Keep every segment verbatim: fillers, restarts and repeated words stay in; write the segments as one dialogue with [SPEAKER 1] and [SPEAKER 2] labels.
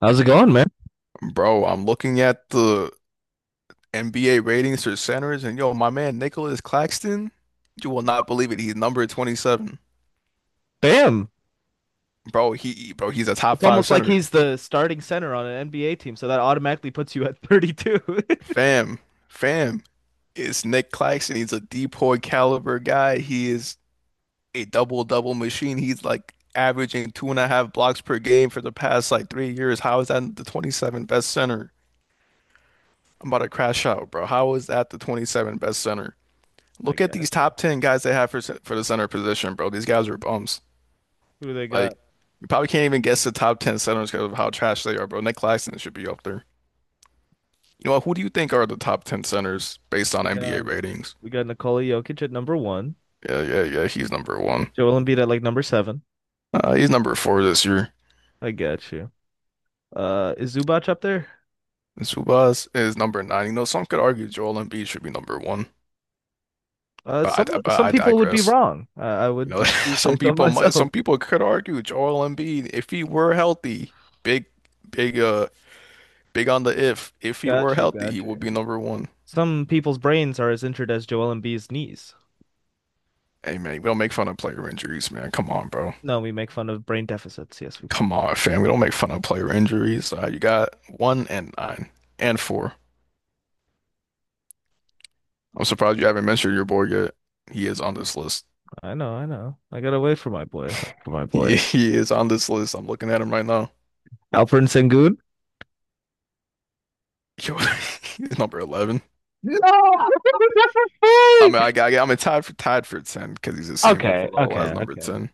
[SPEAKER 1] How's it going, man?
[SPEAKER 2] Bro, I'm looking at the N B A ratings for centers, and yo, my man Nicholas Claxton, you will not believe it. He's number twenty-seven.
[SPEAKER 1] Bam.
[SPEAKER 2] Bro, he bro, he's a top
[SPEAKER 1] It's
[SPEAKER 2] five
[SPEAKER 1] almost like
[SPEAKER 2] center.
[SPEAKER 1] he's the starting center on an N B A team, so that automatically puts you at thirty-two.
[SPEAKER 2] Fam, fam, it's Nick Claxton. He's a DPOY caliber guy. He is a double double machine. He's like averaging two and a half blocks per game for the past like three years. How is that the twenty-seventh best center? I'm about to crash out, bro. How is that the twenty-seventh best center?
[SPEAKER 1] I
[SPEAKER 2] Look at these
[SPEAKER 1] gotcha.
[SPEAKER 2] top ten guys they have for for the center position, bro. These guys are bums.
[SPEAKER 1] Who do they
[SPEAKER 2] Like,
[SPEAKER 1] got?
[SPEAKER 2] you probably can't even guess the top ten centers because of how trash they are, bro. Nick Claxton should be up there. You know what? Who do you think are the top ten centers based on
[SPEAKER 1] We got
[SPEAKER 2] N B A ratings?
[SPEAKER 1] we got Nikola Jokic at number one.
[SPEAKER 2] Yeah, yeah, yeah. He's number one.
[SPEAKER 1] Joel Embiid at like number seven.
[SPEAKER 2] Uh, he's number four this year.
[SPEAKER 1] I got you. Uh, is Zubac up there?
[SPEAKER 2] And Subas is number nine. You know, some could argue Joel Embiid should be number one,
[SPEAKER 1] Uh,
[SPEAKER 2] but
[SPEAKER 1] some
[SPEAKER 2] I, but
[SPEAKER 1] some
[SPEAKER 2] I
[SPEAKER 1] people would be
[SPEAKER 2] digress.
[SPEAKER 1] wrong. Uh, I
[SPEAKER 2] You
[SPEAKER 1] would
[SPEAKER 2] know,
[SPEAKER 1] d- do say
[SPEAKER 2] some
[SPEAKER 1] so
[SPEAKER 2] people might,
[SPEAKER 1] myself.
[SPEAKER 2] some people could argue Joel Embiid, if he were healthy, big, big, uh, big on the if. If he were
[SPEAKER 1] Got you,
[SPEAKER 2] healthy, he
[SPEAKER 1] got
[SPEAKER 2] would be
[SPEAKER 1] you.
[SPEAKER 2] number one.
[SPEAKER 1] Some people's brains are as injured as Joel Embiid's knees.
[SPEAKER 2] Hey man, we don't make fun of player injuries, man. Come on, bro.
[SPEAKER 1] No, we make fun of brain deficits. Yes, we do.
[SPEAKER 2] Come on, fam. We don't make fun of player injuries. Uh, you got one and nine and four. I'm surprised you haven't mentioned your boy yet. He is on this list.
[SPEAKER 1] I know, I know. I gotta wait for my boy. For my
[SPEAKER 2] He,
[SPEAKER 1] boy.
[SPEAKER 2] he is on this list. I'm looking at him right now.
[SPEAKER 1] Alfred Sengun?
[SPEAKER 2] Yo, he's number eleven.
[SPEAKER 1] No.
[SPEAKER 2] I mean, I got, I'm tied for tied for ten because he's the same
[SPEAKER 1] Okay,
[SPEAKER 2] overall as
[SPEAKER 1] okay,
[SPEAKER 2] number
[SPEAKER 1] okay.
[SPEAKER 2] ten.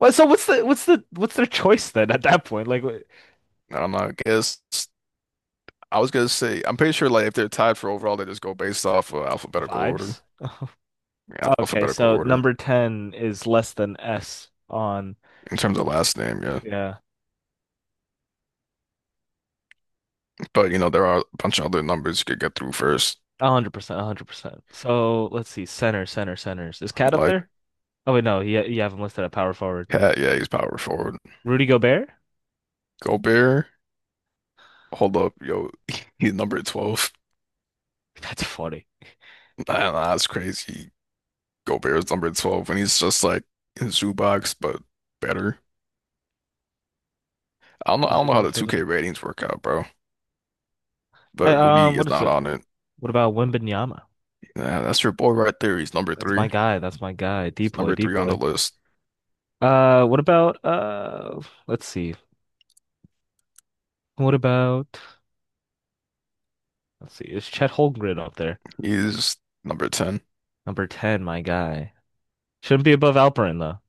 [SPEAKER 1] Well, so what's the what's the what's their choice then at that point? Like what,
[SPEAKER 2] I don't know. I guess I was gonna say I'm pretty sure like if they're tied for overall, they just go based off of alphabetical order.
[SPEAKER 1] vibes?
[SPEAKER 2] Yeah,
[SPEAKER 1] Oh, okay,
[SPEAKER 2] alphabetical
[SPEAKER 1] so
[SPEAKER 2] order
[SPEAKER 1] number ten is less than S on,
[SPEAKER 2] in terms of last name, yeah.
[SPEAKER 1] yeah,
[SPEAKER 2] But you know, there are a bunch of other numbers you could get through first.
[SPEAKER 1] one hundred percent, a one hundred percent. So, let's see. Center, center, centers. Is Cat up
[SPEAKER 2] Like
[SPEAKER 1] there? Oh wait, no. You, you haven't listed at power forward.
[SPEAKER 2] Cat, yeah, he's power forward.
[SPEAKER 1] Rudy Gobert?
[SPEAKER 2] Gobert, hold up, yo, he's number twelve.
[SPEAKER 1] That's funny.
[SPEAKER 2] I do That's crazy. Gobert's number twelve when he's just like in Zubox, but better. I don't know, I
[SPEAKER 1] Is
[SPEAKER 2] don't
[SPEAKER 1] it
[SPEAKER 2] know how
[SPEAKER 1] bad
[SPEAKER 2] the
[SPEAKER 1] for
[SPEAKER 2] two K
[SPEAKER 1] that?
[SPEAKER 2] ratings work out, bro.
[SPEAKER 1] Hey,
[SPEAKER 2] But
[SPEAKER 1] um,
[SPEAKER 2] Rudy
[SPEAKER 1] what
[SPEAKER 2] is
[SPEAKER 1] if
[SPEAKER 2] not
[SPEAKER 1] so,
[SPEAKER 2] on it.
[SPEAKER 1] what about Wembanyama?
[SPEAKER 2] Nah, that's your boy right there. He's number
[SPEAKER 1] That's my
[SPEAKER 2] three.
[SPEAKER 1] guy. That's my guy.
[SPEAKER 2] He's
[SPEAKER 1] Depoy,
[SPEAKER 2] number three on the
[SPEAKER 1] Depoy.
[SPEAKER 2] list.
[SPEAKER 1] Uh, what about uh? Let's see. What about? Let's see. Is Chet Holmgren up there?
[SPEAKER 2] He's number ten.
[SPEAKER 1] Number ten, my guy. Shouldn't be above Alperin though.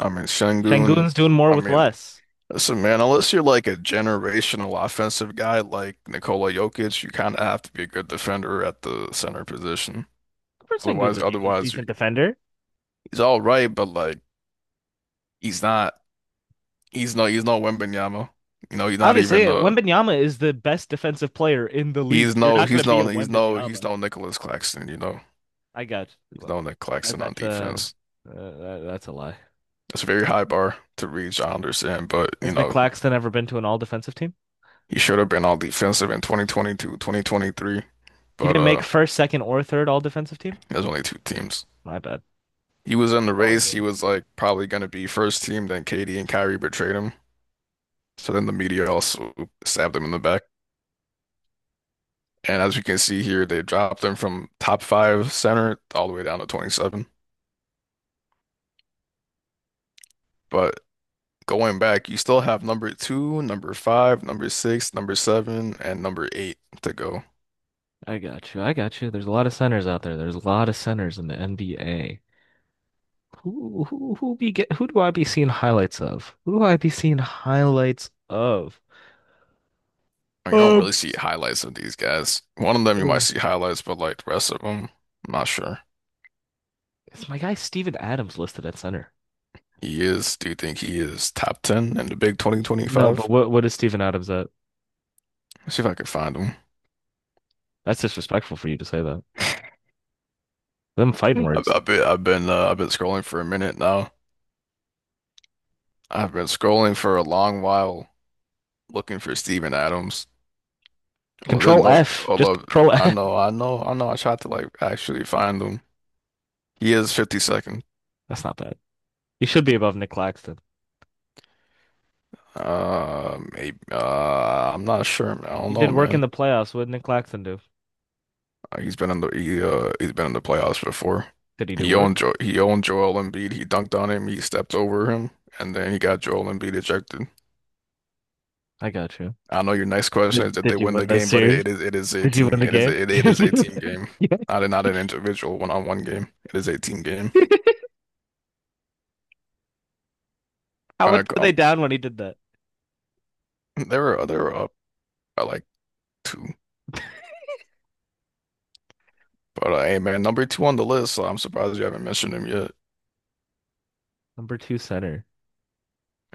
[SPEAKER 2] I mean, Şengün.
[SPEAKER 1] Şengün's doing more
[SPEAKER 2] I
[SPEAKER 1] with
[SPEAKER 2] mean,
[SPEAKER 1] less.
[SPEAKER 2] listen, man, unless you're like a generational offensive guy like Nikola Jokic, you kind of have to be a good defender at the center position.
[SPEAKER 1] Alperen Şengün's
[SPEAKER 2] Otherwise,
[SPEAKER 1] a decent,
[SPEAKER 2] otherwise you
[SPEAKER 1] decent defender.
[SPEAKER 2] he's all right, but like he's not. He's no. He's no Wembanyama. You know, he's not
[SPEAKER 1] Obviously,
[SPEAKER 2] even. Uh,
[SPEAKER 1] Wembanyama is the best defensive player in the league.
[SPEAKER 2] he's
[SPEAKER 1] You're
[SPEAKER 2] no.
[SPEAKER 1] not gonna
[SPEAKER 2] He's
[SPEAKER 1] be
[SPEAKER 2] no.
[SPEAKER 1] a
[SPEAKER 2] He's no. He's
[SPEAKER 1] Wembanyama.
[SPEAKER 2] no Nicholas Claxton. You know,
[SPEAKER 1] I got you.
[SPEAKER 2] he's
[SPEAKER 1] Well,
[SPEAKER 2] no Nick
[SPEAKER 1] that,
[SPEAKER 2] Claxton on
[SPEAKER 1] that's a
[SPEAKER 2] defense.
[SPEAKER 1] uh, that, that's a lie.
[SPEAKER 2] It's a very high bar to reach. I understand, but you
[SPEAKER 1] Has Nick
[SPEAKER 2] know,
[SPEAKER 1] Claxton ever been to an all defensive team?
[SPEAKER 2] he should have been all defensive in twenty twenty-two, twenty twenty-three.
[SPEAKER 1] He
[SPEAKER 2] But
[SPEAKER 1] didn't make
[SPEAKER 2] uh,
[SPEAKER 1] first, second, or third all defensive team.
[SPEAKER 2] there's only two teams.
[SPEAKER 1] My bad.
[SPEAKER 2] He was in the
[SPEAKER 1] Oh,
[SPEAKER 2] race.
[SPEAKER 1] yeah.
[SPEAKER 2] He was like probably going to be first team. Then Katie and Kyrie betrayed him. So then the media also stabbed him in the back. And as you can see here, they dropped him from top five center all the way down to twenty-seven. But going back, you still have number two, number five, number six, number seven, and number eight to go.
[SPEAKER 1] I got you. I got you. There's a lot of centers out there. There's a lot of centers in the N B A. Who who who be get, who do I be seeing highlights of? Who do I be seeing highlights of?
[SPEAKER 2] I mean, you don't
[SPEAKER 1] Um,
[SPEAKER 2] really see highlights of these guys. One of them you might
[SPEAKER 1] um,
[SPEAKER 2] see highlights, but like the rest of them, I'm not sure.
[SPEAKER 1] it's my guy Steven Adams listed at center.
[SPEAKER 2] He is, do you think he is top ten in the big
[SPEAKER 1] No, but
[SPEAKER 2] two thousand twenty-five?
[SPEAKER 1] what what is Steven Adams at?
[SPEAKER 2] Let's see if I can find him.
[SPEAKER 1] That's disrespectful for you to say that. Them fighting
[SPEAKER 2] I've,
[SPEAKER 1] words.
[SPEAKER 2] I've been I've been uh, I've been scrolling for a minute now. I've been scrolling for a long while looking for Steven Adams. Although there's
[SPEAKER 1] Control
[SPEAKER 2] no,
[SPEAKER 1] F. Just
[SPEAKER 2] although
[SPEAKER 1] control
[SPEAKER 2] I
[SPEAKER 1] F.
[SPEAKER 2] know, I know, I know, I tried to like actually find him. He is fifty-second.
[SPEAKER 1] That's not bad. He should be above Nick Claxton.
[SPEAKER 2] Uh, maybe. Uh, I'm not sure, man. I don't
[SPEAKER 1] He
[SPEAKER 2] know,
[SPEAKER 1] did work in
[SPEAKER 2] man.
[SPEAKER 1] the playoffs. What did Nick Claxton do?
[SPEAKER 2] Uh, he's been in the he uh he's been in the playoffs before.
[SPEAKER 1] Did he do
[SPEAKER 2] He owned
[SPEAKER 1] work?
[SPEAKER 2] jo he owned Joel Embiid. He dunked on him. He stepped over him, and then he got Joel Embiid ejected.
[SPEAKER 1] I got you.
[SPEAKER 2] I know your next question
[SPEAKER 1] Did,
[SPEAKER 2] is that they
[SPEAKER 1] did you
[SPEAKER 2] win
[SPEAKER 1] win
[SPEAKER 2] the
[SPEAKER 1] this
[SPEAKER 2] game, but
[SPEAKER 1] series?
[SPEAKER 2] it, it is it is a
[SPEAKER 1] Did you win
[SPEAKER 2] team.
[SPEAKER 1] the
[SPEAKER 2] It is
[SPEAKER 1] game?
[SPEAKER 2] a, it, it
[SPEAKER 1] Did
[SPEAKER 2] is
[SPEAKER 1] you
[SPEAKER 2] a team
[SPEAKER 1] win
[SPEAKER 2] game,
[SPEAKER 1] the
[SPEAKER 2] not a, not an individual one-on-one game. It is a team game.
[SPEAKER 1] game? How much
[SPEAKER 2] Like,
[SPEAKER 1] were they
[SPEAKER 2] um,
[SPEAKER 1] down when he did that?
[SPEAKER 2] there were there were up by like two, but uh, hey man, number two on the list. So I'm surprised you haven't mentioned him yet.
[SPEAKER 1] Number two center.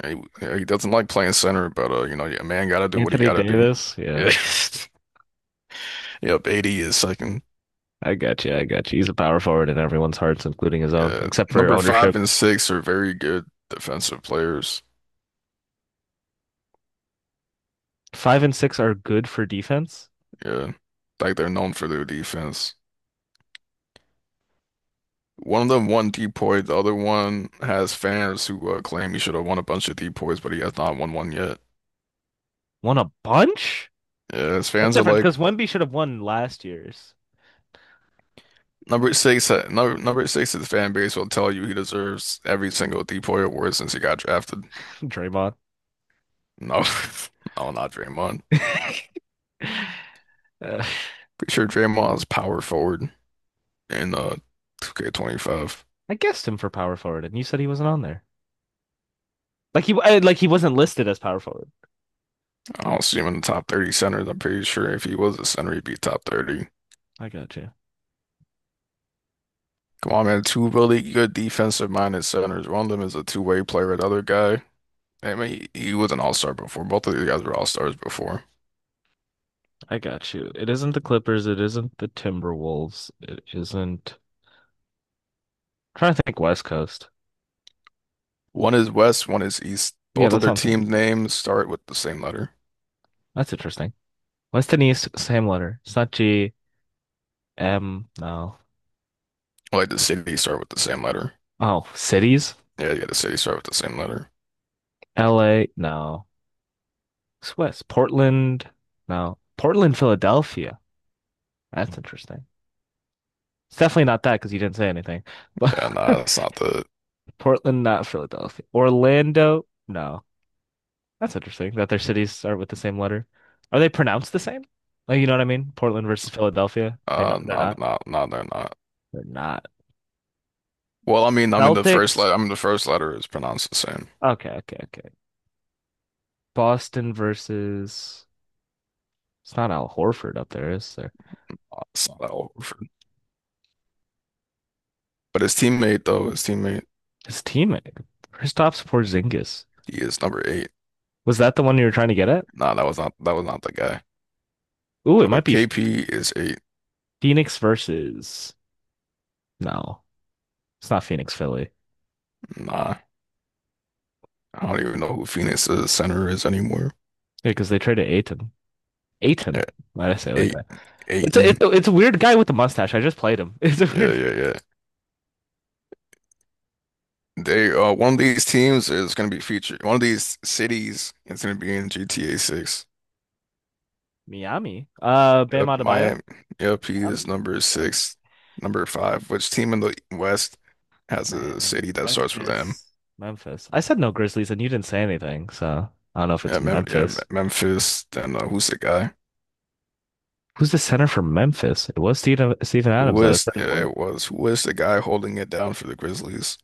[SPEAKER 2] He, he doesn't like playing center, but uh, you know, a man gotta do what he
[SPEAKER 1] Anthony
[SPEAKER 2] gotta do.
[SPEAKER 1] Davis. Yeah,
[SPEAKER 2] Yeah, yep. eighty is second.
[SPEAKER 1] I got you. I got you. He's a power forward in everyone's hearts, including his own,
[SPEAKER 2] Yeah,
[SPEAKER 1] except for
[SPEAKER 2] number five
[SPEAKER 1] ownership.
[SPEAKER 2] and six are very good defensive players.
[SPEAKER 1] Five and six are good for defense.
[SPEAKER 2] Yeah, like they're known for their defense. One of them won depoy, the other one has fans who uh, claim he should have won a bunch of depoys, but he has not won one yet.
[SPEAKER 1] Won a bunch?
[SPEAKER 2] Yeah, his
[SPEAKER 1] That's
[SPEAKER 2] fans are
[SPEAKER 1] different
[SPEAKER 2] like
[SPEAKER 1] because Wemby should have won last year's.
[SPEAKER 2] number six. uh, Number number six, his fan base will tell you he deserves every single depoy award since he got drafted.
[SPEAKER 1] Draymond.
[SPEAKER 2] No, no, not Draymond.
[SPEAKER 1] Uh,
[SPEAKER 2] Pretty sure Draymond is power forward in uh two K twenty-five.
[SPEAKER 1] I guessed him for power forward, and you said he wasn't on there. Like he, uh, like he wasn't listed as power forward.
[SPEAKER 2] I don't see him in the top thirty centers. I'm pretty sure if he was a center, he'd be top thirty.
[SPEAKER 1] I got you.
[SPEAKER 2] Come on, man. Two really good defensive minded centers. One of them is a two-way player. The other guy. I mean, he, he was an all-star before. Both of these guys were all-stars before.
[SPEAKER 1] I got you. It isn't the Clippers. It isn't the Timberwolves. It isn't. I'm trying to think West Coast.
[SPEAKER 2] One is West, one is East.
[SPEAKER 1] Yeah,
[SPEAKER 2] Both of
[SPEAKER 1] that's
[SPEAKER 2] their
[SPEAKER 1] something.
[SPEAKER 2] team names start with the same letter.
[SPEAKER 1] That's interesting. West and East, same letter. It's not G, M, no.
[SPEAKER 2] Like the city start with the same letter.
[SPEAKER 1] Oh, cities?
[SPEAKER 2] Yeah, yeah, the city start with the same letter.
[SPEAKER 1] L A? No. It's West. Portland? No. Portland, Philadelphia. That's interesting. It's definitely not that because you didn't say anything.
[SPEAKER 2] Yeah, nah, that's not the
[SPEAKER 1] But Portland, not Philadelphia. Orlando? No. That's interesting that their cities start with the same letter. Are they pronounced the same? Like, you know what I mean? Portland versus Philadelphia. They not,
[SPEAKER 2] uh
[SPEAKER 1] they're
[SPEAKER 2] not
[SPEAKER 1] not.
[SPEAKER 2] not not they're not.
[SPEAKER 1] They're not.
[SPEAKER 2] Well, I mean I mean the first
[SPEAKER 1] Celtics.
[SPEAKER 2] letter I mean the first letter is pronounced the same.
[SPEAKER 1] Okay, okay, okay. Boston versus. It's not Al Horford up there, is there?
[SPEAKER 2] Uh, It's not that Horford. But his teammate though, his teammate,
[SPEAKER 1] His teammate, Kristaps Porzingis.
[SPEAKER 2] he is number eight.
[SPEAKER 1] Was that the one you were trying to get at?
[SPEAKER 2] Nah, that was not that was not the guy.
[SPEAKER 1] Ooh, it might
[SPEAKER 2] But
[SPEAKER 1] be
[SPEAKER 2] K P is eight.
[SPEAKER 1] Phoenix versus. No, it's not Phoenix, Philly.
[SPEAKER 2] Nah. I don't even know who Phoenix's center is anymore.
[SPEAKER 1] Yeah, because they traded Ayton. Ayton. Why did I say it like
[SPEAKER 2] Eight,
[SPEAKER 1] that? It's a,
[SPEAKER 2] Aiton.
[SPEAKER 1] it's a, it's a weird guy with a mustache. I just played him. It's a
[SPEAKER 2] Yeah,
[SPEAKER 1] weird
[SPEAKER 2] yeah, yeah. They uh one of these teams is gonna be featured. One of these cities is gonna be in G T A six.
[SPEAKER 1] Miami. Uh, Bam
[SPEAKER 2] Yep,
[SPEAKER 1] Adebayo.
[SPEAKER 2] Miami. Yep, he is
[SPEAKER 1] Miami.
[SPEAKER 2] number
[SPEAKER 1] Miami.
[SPEAKER 2] six. Number five. Which team in the West has a
[SPEAKER 1] Miami.
[SPEAKER 2] city that starts with M?
[SPEAKER 1] Memphis. Memphis. I said no Grizzlies, and you didn't say anything, so I don't know if
[SPEAKER 2] Yeah,
[SPEAKER 1] it's
[SPEAKER 2] Mem yeah, Me-
[SPEAKER 1] Memphis.
[SPEAKER 2] Memphis. Then uh, who's the guy?
[SPEAKER 1] Who's the center for Memphis? It was Steven, Steven
[SPEAKER 2] Who
[SPEAKER 1] Adams at a
[SPEAKER 2] is?
[SPEAKER 1] certain
[SPEAKER 2] Yeah,
[SPEAKER 1] point.
[SPEAKER 2] it was. Who is the guy holding it down for the Grizzlies?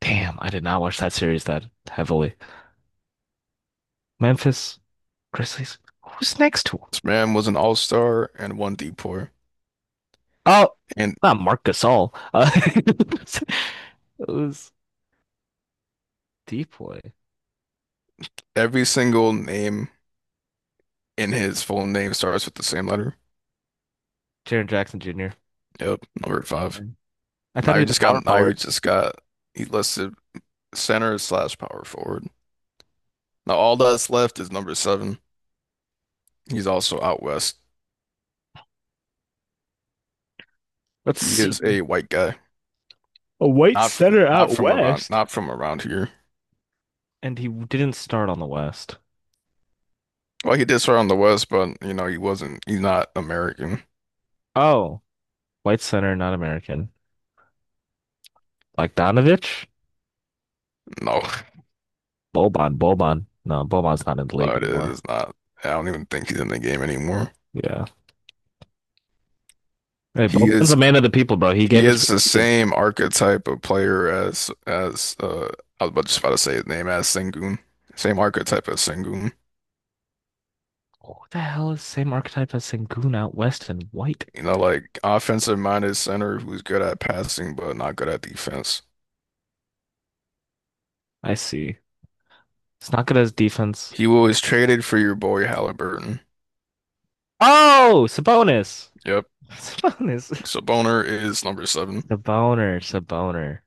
[SPEAKER 1] Damn, I did not watch that series that heavily. Memphis Grizzlies. Who's next to him?
[SPEAKER 2] This man was an all-star and one D-Poor.
[SPEAKER 1] Oh,
[SPEAKER 2] And
[SPEAKER 1] not Mark Gasol. Uh, it was deep boy.
[SPEAKER 2] every single name in his full name starts with the same letter.
[SPEAKER 1] Jaren Jackson Junior
[SPEAKER 2] Yep, over at five.
[SPEAKER 1] I thought he
[SPEAKER 2] Now
[SPEAKER 1] was a
[SPEAKER 2] just
[SPEAKER 1] power
[SPEAKER 2] got now you
[SPEAKER 1] forward.
[SPEAKER 2] just got he listed center slash power forward. Now all that's left is number seven. He's also out west.
[SPEAKER 1] Let's
[SPEAKER 2] He
[SPEAKER 1] see.
[SPEAKER 2] is a white guy.
[SPEAKER 1] A white
[SPEAKER 2] Not from,
[SPEAKER 1] center
[SPEAKER 2] not
[SPEAKER 1] out
[SPEAKER 2] from around
[SPEAKER 1] west.
[SPEAKER 2] not from around here.
[SPEAKER 1] And he didn't start on the West.
[SPEAKER 2] Well, he did start on the west, but you know, he wasn't he's not American.
[SPEAKER 1] Oh, white center, not American. Like Bogdanovich?
[SPEAKER 2] No,
[SPEAKER 1] Boban, Boban. No, Boban's not in the
[SPEAKER 2] no,
[SPEAKER 1] league
[SPEAKER 2] it
[SPEAKER 1] anymore.
[SPEAKER 2] is not. I don't even think he's in the game anymore.
[SPEAKER 1] Yeah. Hey,
[SPEAKER 2] He
[SPEAKER 1] Boban's a
[SPEAKER 2] is
[SPEAKER 1] man of the people, bro. He
[SPEAKER 2] he
[SPEAKER 1] gave us
[SPEAKER 2] is the
[SPEAKER 1] freaking.
[SPEAKER 2] same archetype of player as as uh I was about- just about to say his name as Sengun. Same archetype as Sengun.
[SPEAKER 1] What the hell is same archetype as Sengun out west and white?
[SPEAKER 2] You know, like offensive minded center who's good at passing but not good at defense.
[SPEAKER 1] I see. It's not good as defense.
[SPEAKER 2] He was traded for your boy Halliburton.
[SPEAKER 1] Oh, Sabonis.
[SPEAKER 2] Yep.
[SPEAKER 1] Sabonis.
[SPEAKER 2] So Boner is number seven.
[SPEAKER 1] Saboner, Saboner.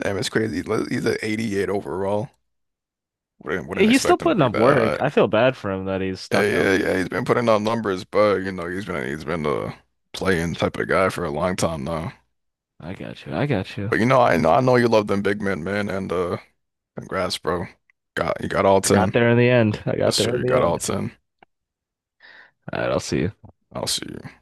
[SPEAKER 2] Damn, it's crazy. He's at eighty-eight overall. Wouldn't wouldn't
[SPEAKER 1] He's still
[SPEAKER 2] expect him to
[SPEAKER 1] putting
[SPEAKER 2] be
[SPEAKER 1] up
[SPEAKER 2] that high.
[SPEAKER 1] work. I feel bad for him that he's
[SPEAKER 2] Yeah,
[SPEAKER 1] stuck out.
[SPEAKER 2] yeah, yeah. He's been putting out numbers, but you know, he's been he's been the playing type of guy for a long time now.
[SPEAKER 1] I got you. I got you.
[SPEAKER 2] But you know, I know I know you love them big men, man, and uh congrats, bro. Got you got all
[SPEAKER 1] I got
[SPEAKER 2] ten.
[SPEAKER 1] there in the end. I got
[SPEAKER 2] Yes,
[SPEAKER 1] there
[SPEAKER 2] sir,
[SPEAKER 1] in
[SPEAKER 2] you
[SPEAKER 1] the
[SPEAKER 2] got all
[SPEAKER 1] end.
[SPEAKER 2] ten.
[SPEAKER 1] All right, I'll see you.
[SPEAKER 2] I'll see you.